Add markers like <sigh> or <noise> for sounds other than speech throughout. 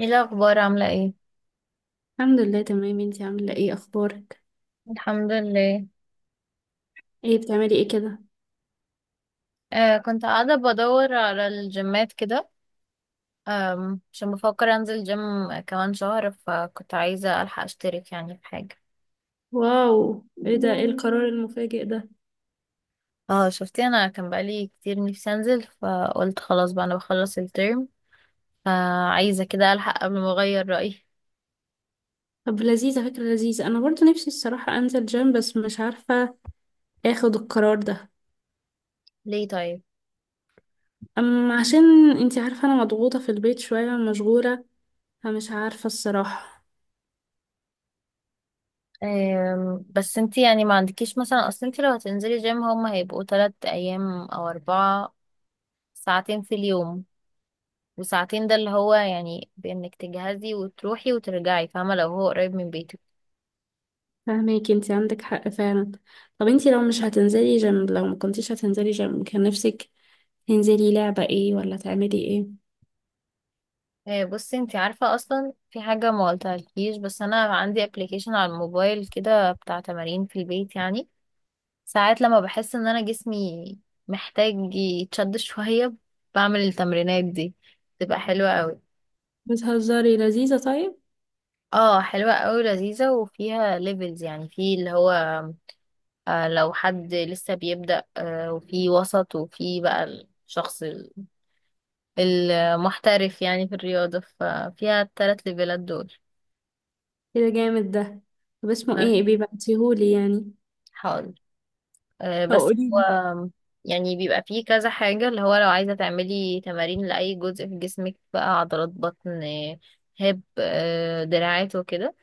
ايه الاخبار؟ عامله ايه؟ الحمد لله، تمام. انتي عاملة ايه؟ اخبارك؟ الحمد لله. ايه بتعملي ايه كده؟ آه، كنت قاعده بدور على الجيمات كده. عشان بفكر انزل جيم كمان شهر، فكنت عايزه الحق اشترك يعني في حاجه. واو، ايه ده؟ ايه القرار المفاجئ ده؟ اه، شفتي؟ انا كان بقالي كتير نفسي انزل، فقلت خلاص بقى انا بخلص الترم، فعايزه كده الحق قبل ما اغير رايي. طب لذيذة، فكرة لذيذة. انا برضو نفسي الصراحة انزل جيم بس مش عارفة اخد القرار ده. ليه طيب؟ اما عشان انتي عارفة انا مضغوطة في البيت شوية، مشغولة، فمش عارفة الصراحة. بس انتي يعني ما عندكيش مثلا، اصل انتي لو هتنزلي جيم هما هيبقوا 3 ايام او 4 ساعتين في اليوم. وساعتين ده اللي هو يعني بانك تجهزي وتروحي وترجعي، فاهمه؟ لو هو قريب من بيتك. فهماكي، انتي عندك حق فعلا. طب انتي، لو مش هتنزلي جيم، لو ما كنتيش هتنزلي جيم كان نفسك تنزلي لعبة ايه، ولا تعملي ايه؟ آه، بصي انت عارفه، اصلا في حاجه ما قلتهالكيش، بس انا عندي ابلكيشن على الموبايل كده بتاع تمارين في البيت يعني. ساعات لما بحس ان انا جسمي محتاج يتشد شويه، بعمل التمرينات دي، تبقى حلوه قوي. بتهزري؟ لذيذة، طيب. اه، حلوه قوي لذيذه، وفيها ليفلز يعني في اللي هو، لو حد لسه بيبدأ، وفي وسط، وفي بقى الشخص المحترف يعني في الرياضة، ففيها التلات ليفلات دول. ايه ده جامد ده! طب اسمه بس. ايه؟ بيبعتيهولي يعني. حاضر. طب بس قوليلي. هو يعني بيبقى فيه كذا حاجة اللي هو، لو عايزة تعملي تمارين لأي جزء في جسمك بقى عضلات بطن، هيب، دراعات وكده،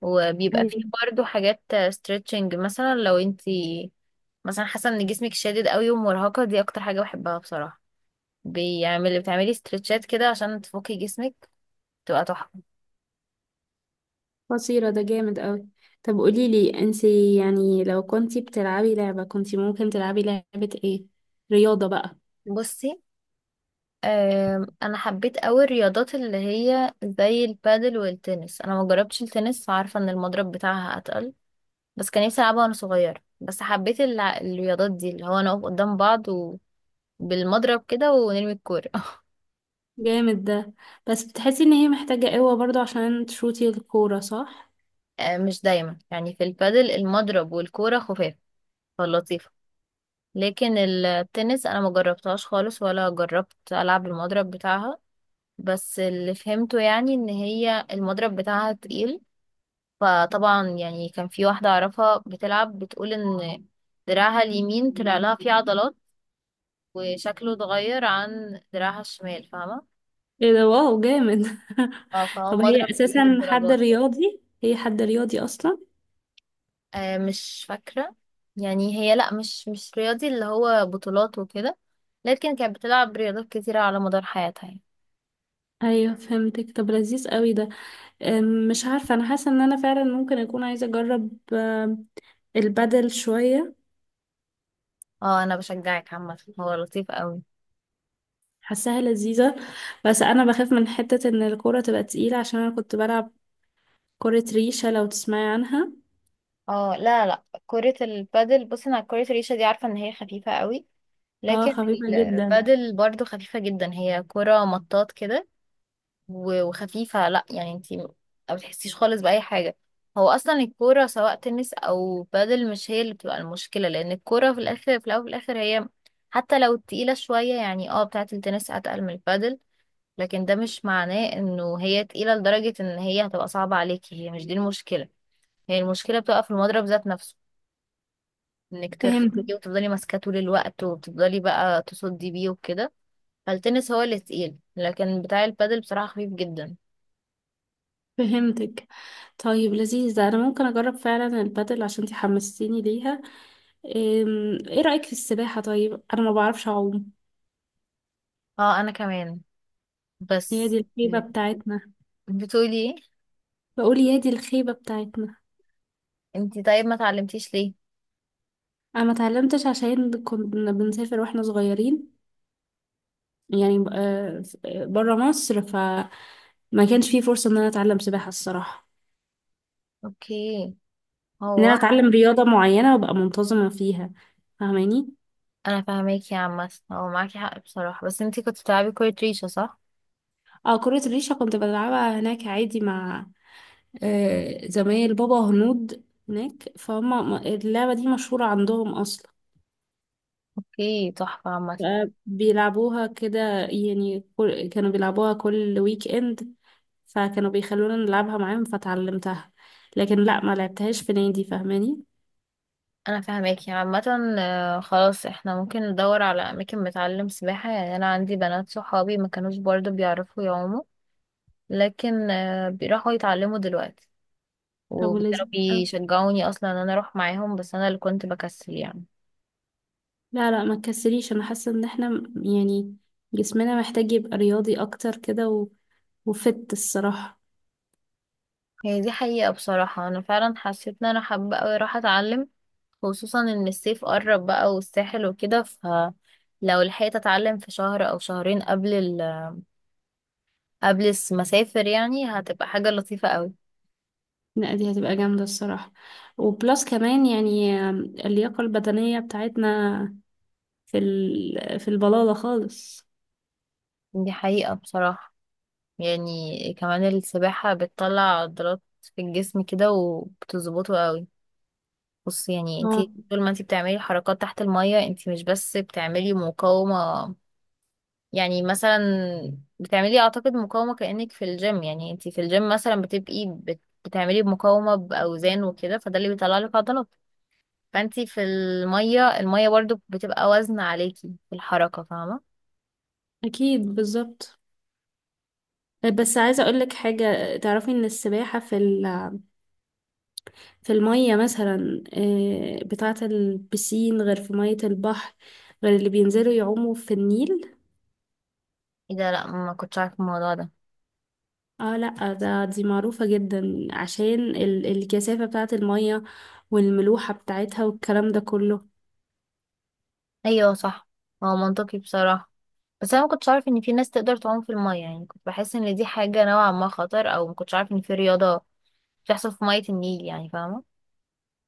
وبيبقى فيه ايوه. برضه حاجات ستريتشنج مثلا. لو انتي مثلا حاسة ان جسمك شادد قوي ومرهقة، دي اكتر حاجة بحبها بصراحة، بتعملي ستريتشات كده عشان تفكي جسمك، تبقى تحفة. قصيرة، ده جامد قوي. طب قوليلي انتي، يعني لو كنتي بتلعبي لعبة كنتي ممكن تلعبي لعبة ايه، رياضة بقى؟ بصي. انا حبيت قوي الرياضات اللي هي زي البادل والتنس، انا ما جربتش التنس، عارفه ان المضرب بتاعها اتقل، بس كان نفسي العبها وانا صغيره، بس حبيت الرياضات دي اللي هو نقف قدام بعض، وبالمضرب كده ونرمي الكوره. <laughs> جامد ده. بس بتحسي ان هي محتاجة قوة برضو عشان تشوتي الكورة، صح؟ آه، مش دايما، يعني في البادل المضرب والكوره خفاف، فلطيفه. لكن التنس انا ما جربتهاش خالص، ولا جربت العب المضرب بتاعها، بس اللي فهمته يعني ان هي المضرب بتاعها تقيل. فطبعا يعني كان في واحدة أعرفها بتلعب، بتقول إن دراعها اليمين طلع لها فيه عضلات، وشكله اتغير عن دراعها الشمال، فاهمة؟ ايه ده، واو جامد! <laughs> فهو طب هي مضرب تقيل اساسا حد للدرجات. رياضي، هي حد رياضي اصلا؟ آه، مش فاكرة. يعني هي لأ، مش رياضي اللي هو بطولات وكده، لكن كانت بتلعب رياضات كتيرة على مدار حياتها يعني. ايوه، فهمتك. طب لذيذ قوي ده. مش عارفة، انا حاسة ان انا فعلا ممكن اكون عايزة اجرب البدل شوية. اه، أنا بشجعك عامة، هو لطيف قوي. حاساها لذيذة. بس أنا بخاف من حتة إن الكورة تبقى تقيلة، عشان أنا كنت بلعب كرة ريشة، لو تسمعي عنها. اه، لا، لا، كرة البادل، بصي أنا كرة الريشة دي عارفة إن هي خفيفة قوي. اه، لكن خفيفة جدا. البادل برضو خفيفة جدا، هي كرة مطاط كده وخفيفة. لا يعني انتي ما بتحسيش خالص بأي حاجة. هو أصلا الكورة سواء تنس أو بادل، مش هي اللي بتبقى المشكلة، لأن الكورة في الآخر، في الأول وفي الآخر، هي حتى لو تقيلة شوية، يعني بتاعة التنس أتقل من البادل، لكن ده مش معناه إنه هي تقيلة لدرجة إن هي هتبقى صعبة عليكي، هي مش دي المشكلة. هي المشكلة بتبقى في المضرب ذات نفسه، إنك ترفعي فهمتك، وتفضلي ماسكاه طول الوقت، وتفضلي بقى تصدي بيه وكده. فالتنس هو اللي تقيل، لكن بتاع البادل بصراحة خفيف جدا. فهمتك. طيب، لذيذ ده. أنا ممكن أجرب فعلا البدل عشان انتي حمستيني ليها. ايه رأيك في السباحة؟ طيب أنا ما بعرفش أعوم. اه، انا كمان، هي بس. دي الخيبة بتاعتنا. بتقولي ايه؟ بقول يا دي الخيبة بتاعتنا. انتي طيب ما اتعلمتيش ليه؟ أنا ما اتعلمتش عشان كنا بنسافر واحنا صغيرين، يعني بره مصر، فما كانش في فرصة ان انا اتعلم سباحة الصراحة. اوكي. ان انا هو اتعلم رياضة معينة وابقى منتظمة فيها، فاهماني؟ انا فاهماكي يا عم، هو معاكي حق بصراحة، بس انتي كنت بتلعبي كورة ريشة صح؟ اه، كرة الريشة كنت بلعبها هناك عادي مع زمايل بابا هنود هناك، فهم اللعبة دي مشهورة عندهم اصلا. اوكي، تحفة عامة. بيلعبوها كده يعني، كانوا بيلعبوها كل ويك اند. فكانوا بيخلونا نلعبها معاهم فتعلمتها. لكن لا، ما لعبتهاش في نادي، فاهماني؟ انا فاهماكي عامة، خلاص احنا ممكن ندور على اماكن بتعلم سباحة، يعني انا عندي بنات صحابي ما كانوش برضو بيعرفوا يعوموا، لكن بيروحوا يتعلموا دلوقتي، طب، ولذيذ. وكانوا بيشجعوني اصلا ان انا اروح معاهم، بس انا اللي كنت بكسل يعني. لا لا، ما تكسليش، انا حاسه ان احنا يعني جسمنا محتاج يبقى رياضي اكتر كده وفت الصراحه. هي دي حقيقة بصراحة، انا فعلا حسيت ان انا حابة اوي اروح اتعلم، خصوصا ان الصيف قرب بقى، والساحل وكده، فلو لحقت اتعلم في شهر او شهرين قبل المسافر، يعني هتبقى حاجة لطيفة اوي. لا، دي هتبقى جامده الصراحه. وبلس كمان يعني اللياقه البدنيه بتاعتنا في في البلاله خالص. دي حقيقة بصراحة. يعني كمان السباحة بتطلع عضلات في الجسم كده، وبتظبطه اوي. بص، يعني انتي اه، طول ما انتي بتعملي حركات تحت المية، انتي مش بس بتعملي مقاومة، يعني مثلا بتعملي، اعتقد مقاومة كأنك في الجيم، يعني انتي في الجيم مثلا بتبقي بتعملي مقاومة بأوزان وكده، فده اللي بيطلع لك عضلات. فانتي في المية، المية برضو بتبقى وزن عليكي في الحركة، فاهمة؟ اكيد بالظبط. بس عايزه اقول لك حاجه، تعرفي ان السباحه في في الميه مثلا، بتاعه البسين، غير في ميه البحر. غير اللي بينزلوا يعوموا في النيل. ايه ده؟ لا، ما كنتش عارفة الموضوع ده. اه لا، ده دي معروفة جدا عشان الكثافة بتاعة المية والملوحة بتاعتها والكلام ده كله. ايوه صح، هو منطقي بصراحة، بس انا ما كنتش عارفة ان في ناس تقدر تعوم في المية، يعني كنت بحس ان دي حاجة نوعا ما خطر، او ما كنتش عارفة ان في رياضة بتحصل في مية النيل يعني، فاهمة؟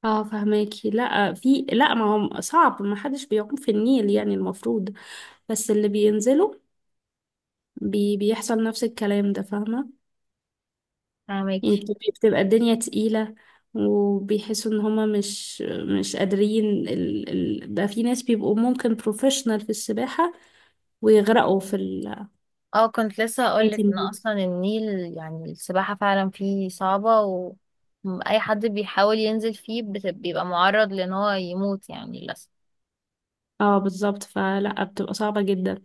اه، فهماكي. لا، في، لا، ما هو صعب، ما حدش بيعوم في النيل يعني، المفروض. بس اللي بينزلوا بيحصل نفس الكلام ده، فاهمة؟ فاهمك. يعني بتبقى الدنيا تقيلة. وبيحسوا ان هما مش قادرين. ال ال ده في ناس بيبقوا ممكن بروفيشنال في السباحة. ويغرقوا في اه، كنت لسه ال، هقولك ان اصلا النيل، يعني السباحة فعلا فيه صعبة، واي حد بيحاول ينزل فيه بيبقى معرض لان هو يموت يعني للأسف. اه، بالظبط. فلا، بتبقى صعبة جدا.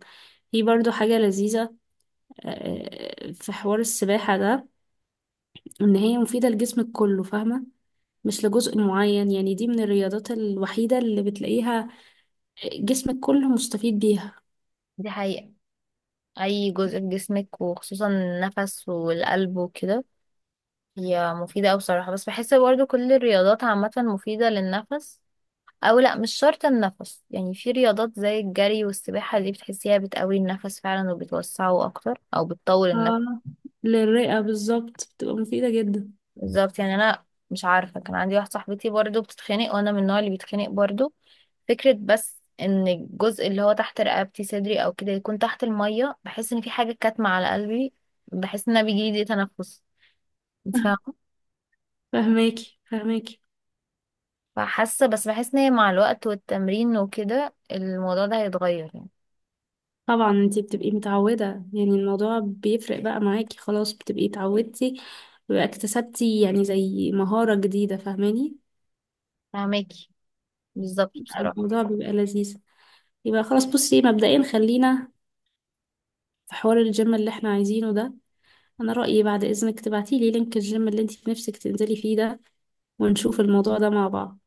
في برضو حاجة لذيذة، آه، في حوار السباحة ده. ان هي مفيدة لجسمك كله، فاهمة؟ مش لجزء معين. يعني دي من الرياضات الوحيدة اللي بتلاقيها جسمك كله مستفيد بيها. دي حقيقة. اي جزء في جسمك، وخصوصا النفس والقلب وكده، هي مفيدة اوي بصراحة، بس بحس برضه كل الرياضات عامة مفيدة للنفس، او لا، مش شرط النفس، يعني في رياضات زي الجري والسباحة، دي بتحسيها بتقوي النفس فعلا وبتوسعه اكتر، او بتطول النفس. اه، للرئة بالظبط، بتبقى مفيدة جدا. بالظبط، يعني انا مش عارفه، كان عندي واحده صاحبتي برضو بتتخانق، وانا من النوع اللي بيتخانق برضو، فكره بس ان الجزء اللي هو تحت رقبتي صدري او كده يكون تحت الميه، بحس ان في حاجه كاتمه على قلبي، بحس ان انا بيجيلي ضيق تنفس، انت <laughs> فاهمه؟ فهماكي، فهماكي. فحاسه، بس بحس ان هي مع الوقت والتمرين وكده الموضوع ده هيتغير يعني. طبعا، انتي بتبقي متعودة. يعني الموضوع بيفرق بقى معاكي، خلاص بتبقي اتعودتي، بقى اكتسبتي يعني زي مهارة جديدة، فاهماني؟ فاهماكي. بالظبط بصراحه. الموضوع بيبقى لذيذ. يبقى خلاص، بصي مبدئيا خلينا في حوار الجيم اللي احنا عايزينه ده. انا رأيي بعد اذنك تبعتي لي لينك الجيم اللي انت في نفسك تنزلي فيه ده، ونشوف الموضوع ده مع بعض.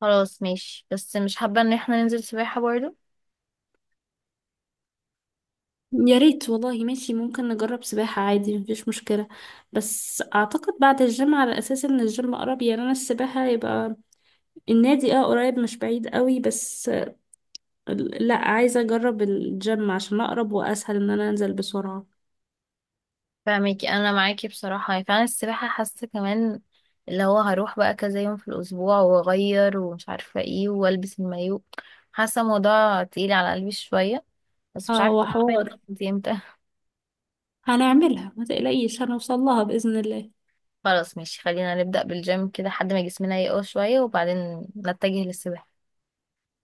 خلاص ماشي، بس مش حابه ان احنا ننزل سباحه برضو. يا ريت والله. ماشي، ممكن نجرب سباحة عادي، مفيش مشكلة. بس أعتقد بعد الجيم على أساس إن الجيم قرب. يعني أنا السباحة يبقى النادي اه قريب، مش بعيد قوي بس. لا، عايزة أجرب الجيم عشان أقرب وأسهل إن أنا أنزل بسرعة. فاهمك، انا معاكي بصراحه، يعني فعلا السباحه حاسه كمان اللي هو هروح بقى كذا يوم في الاسبوع، واغير ومش عارفه ايه، والبس المايو، حاسه الموضوع تقيل على قلبي شويه، بس مش اه، عارفه هعمل وحوار. الخطوه دي امتى. هنعملها ما تقلقيش، هنوصل لها بإذن الله. <laughs> خلاص ماشي، خلينا نبدا بالجيم كده لحد ما جسمنا يقوى شويه، وبعدين نتجه للسباحه.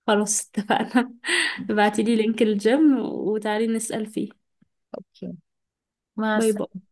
خلاص، اتفقنا. <laughs> ابعتيلي لينك الجيم وتعالي نسأل فيه. اوكي. مع باي السلامه. باي.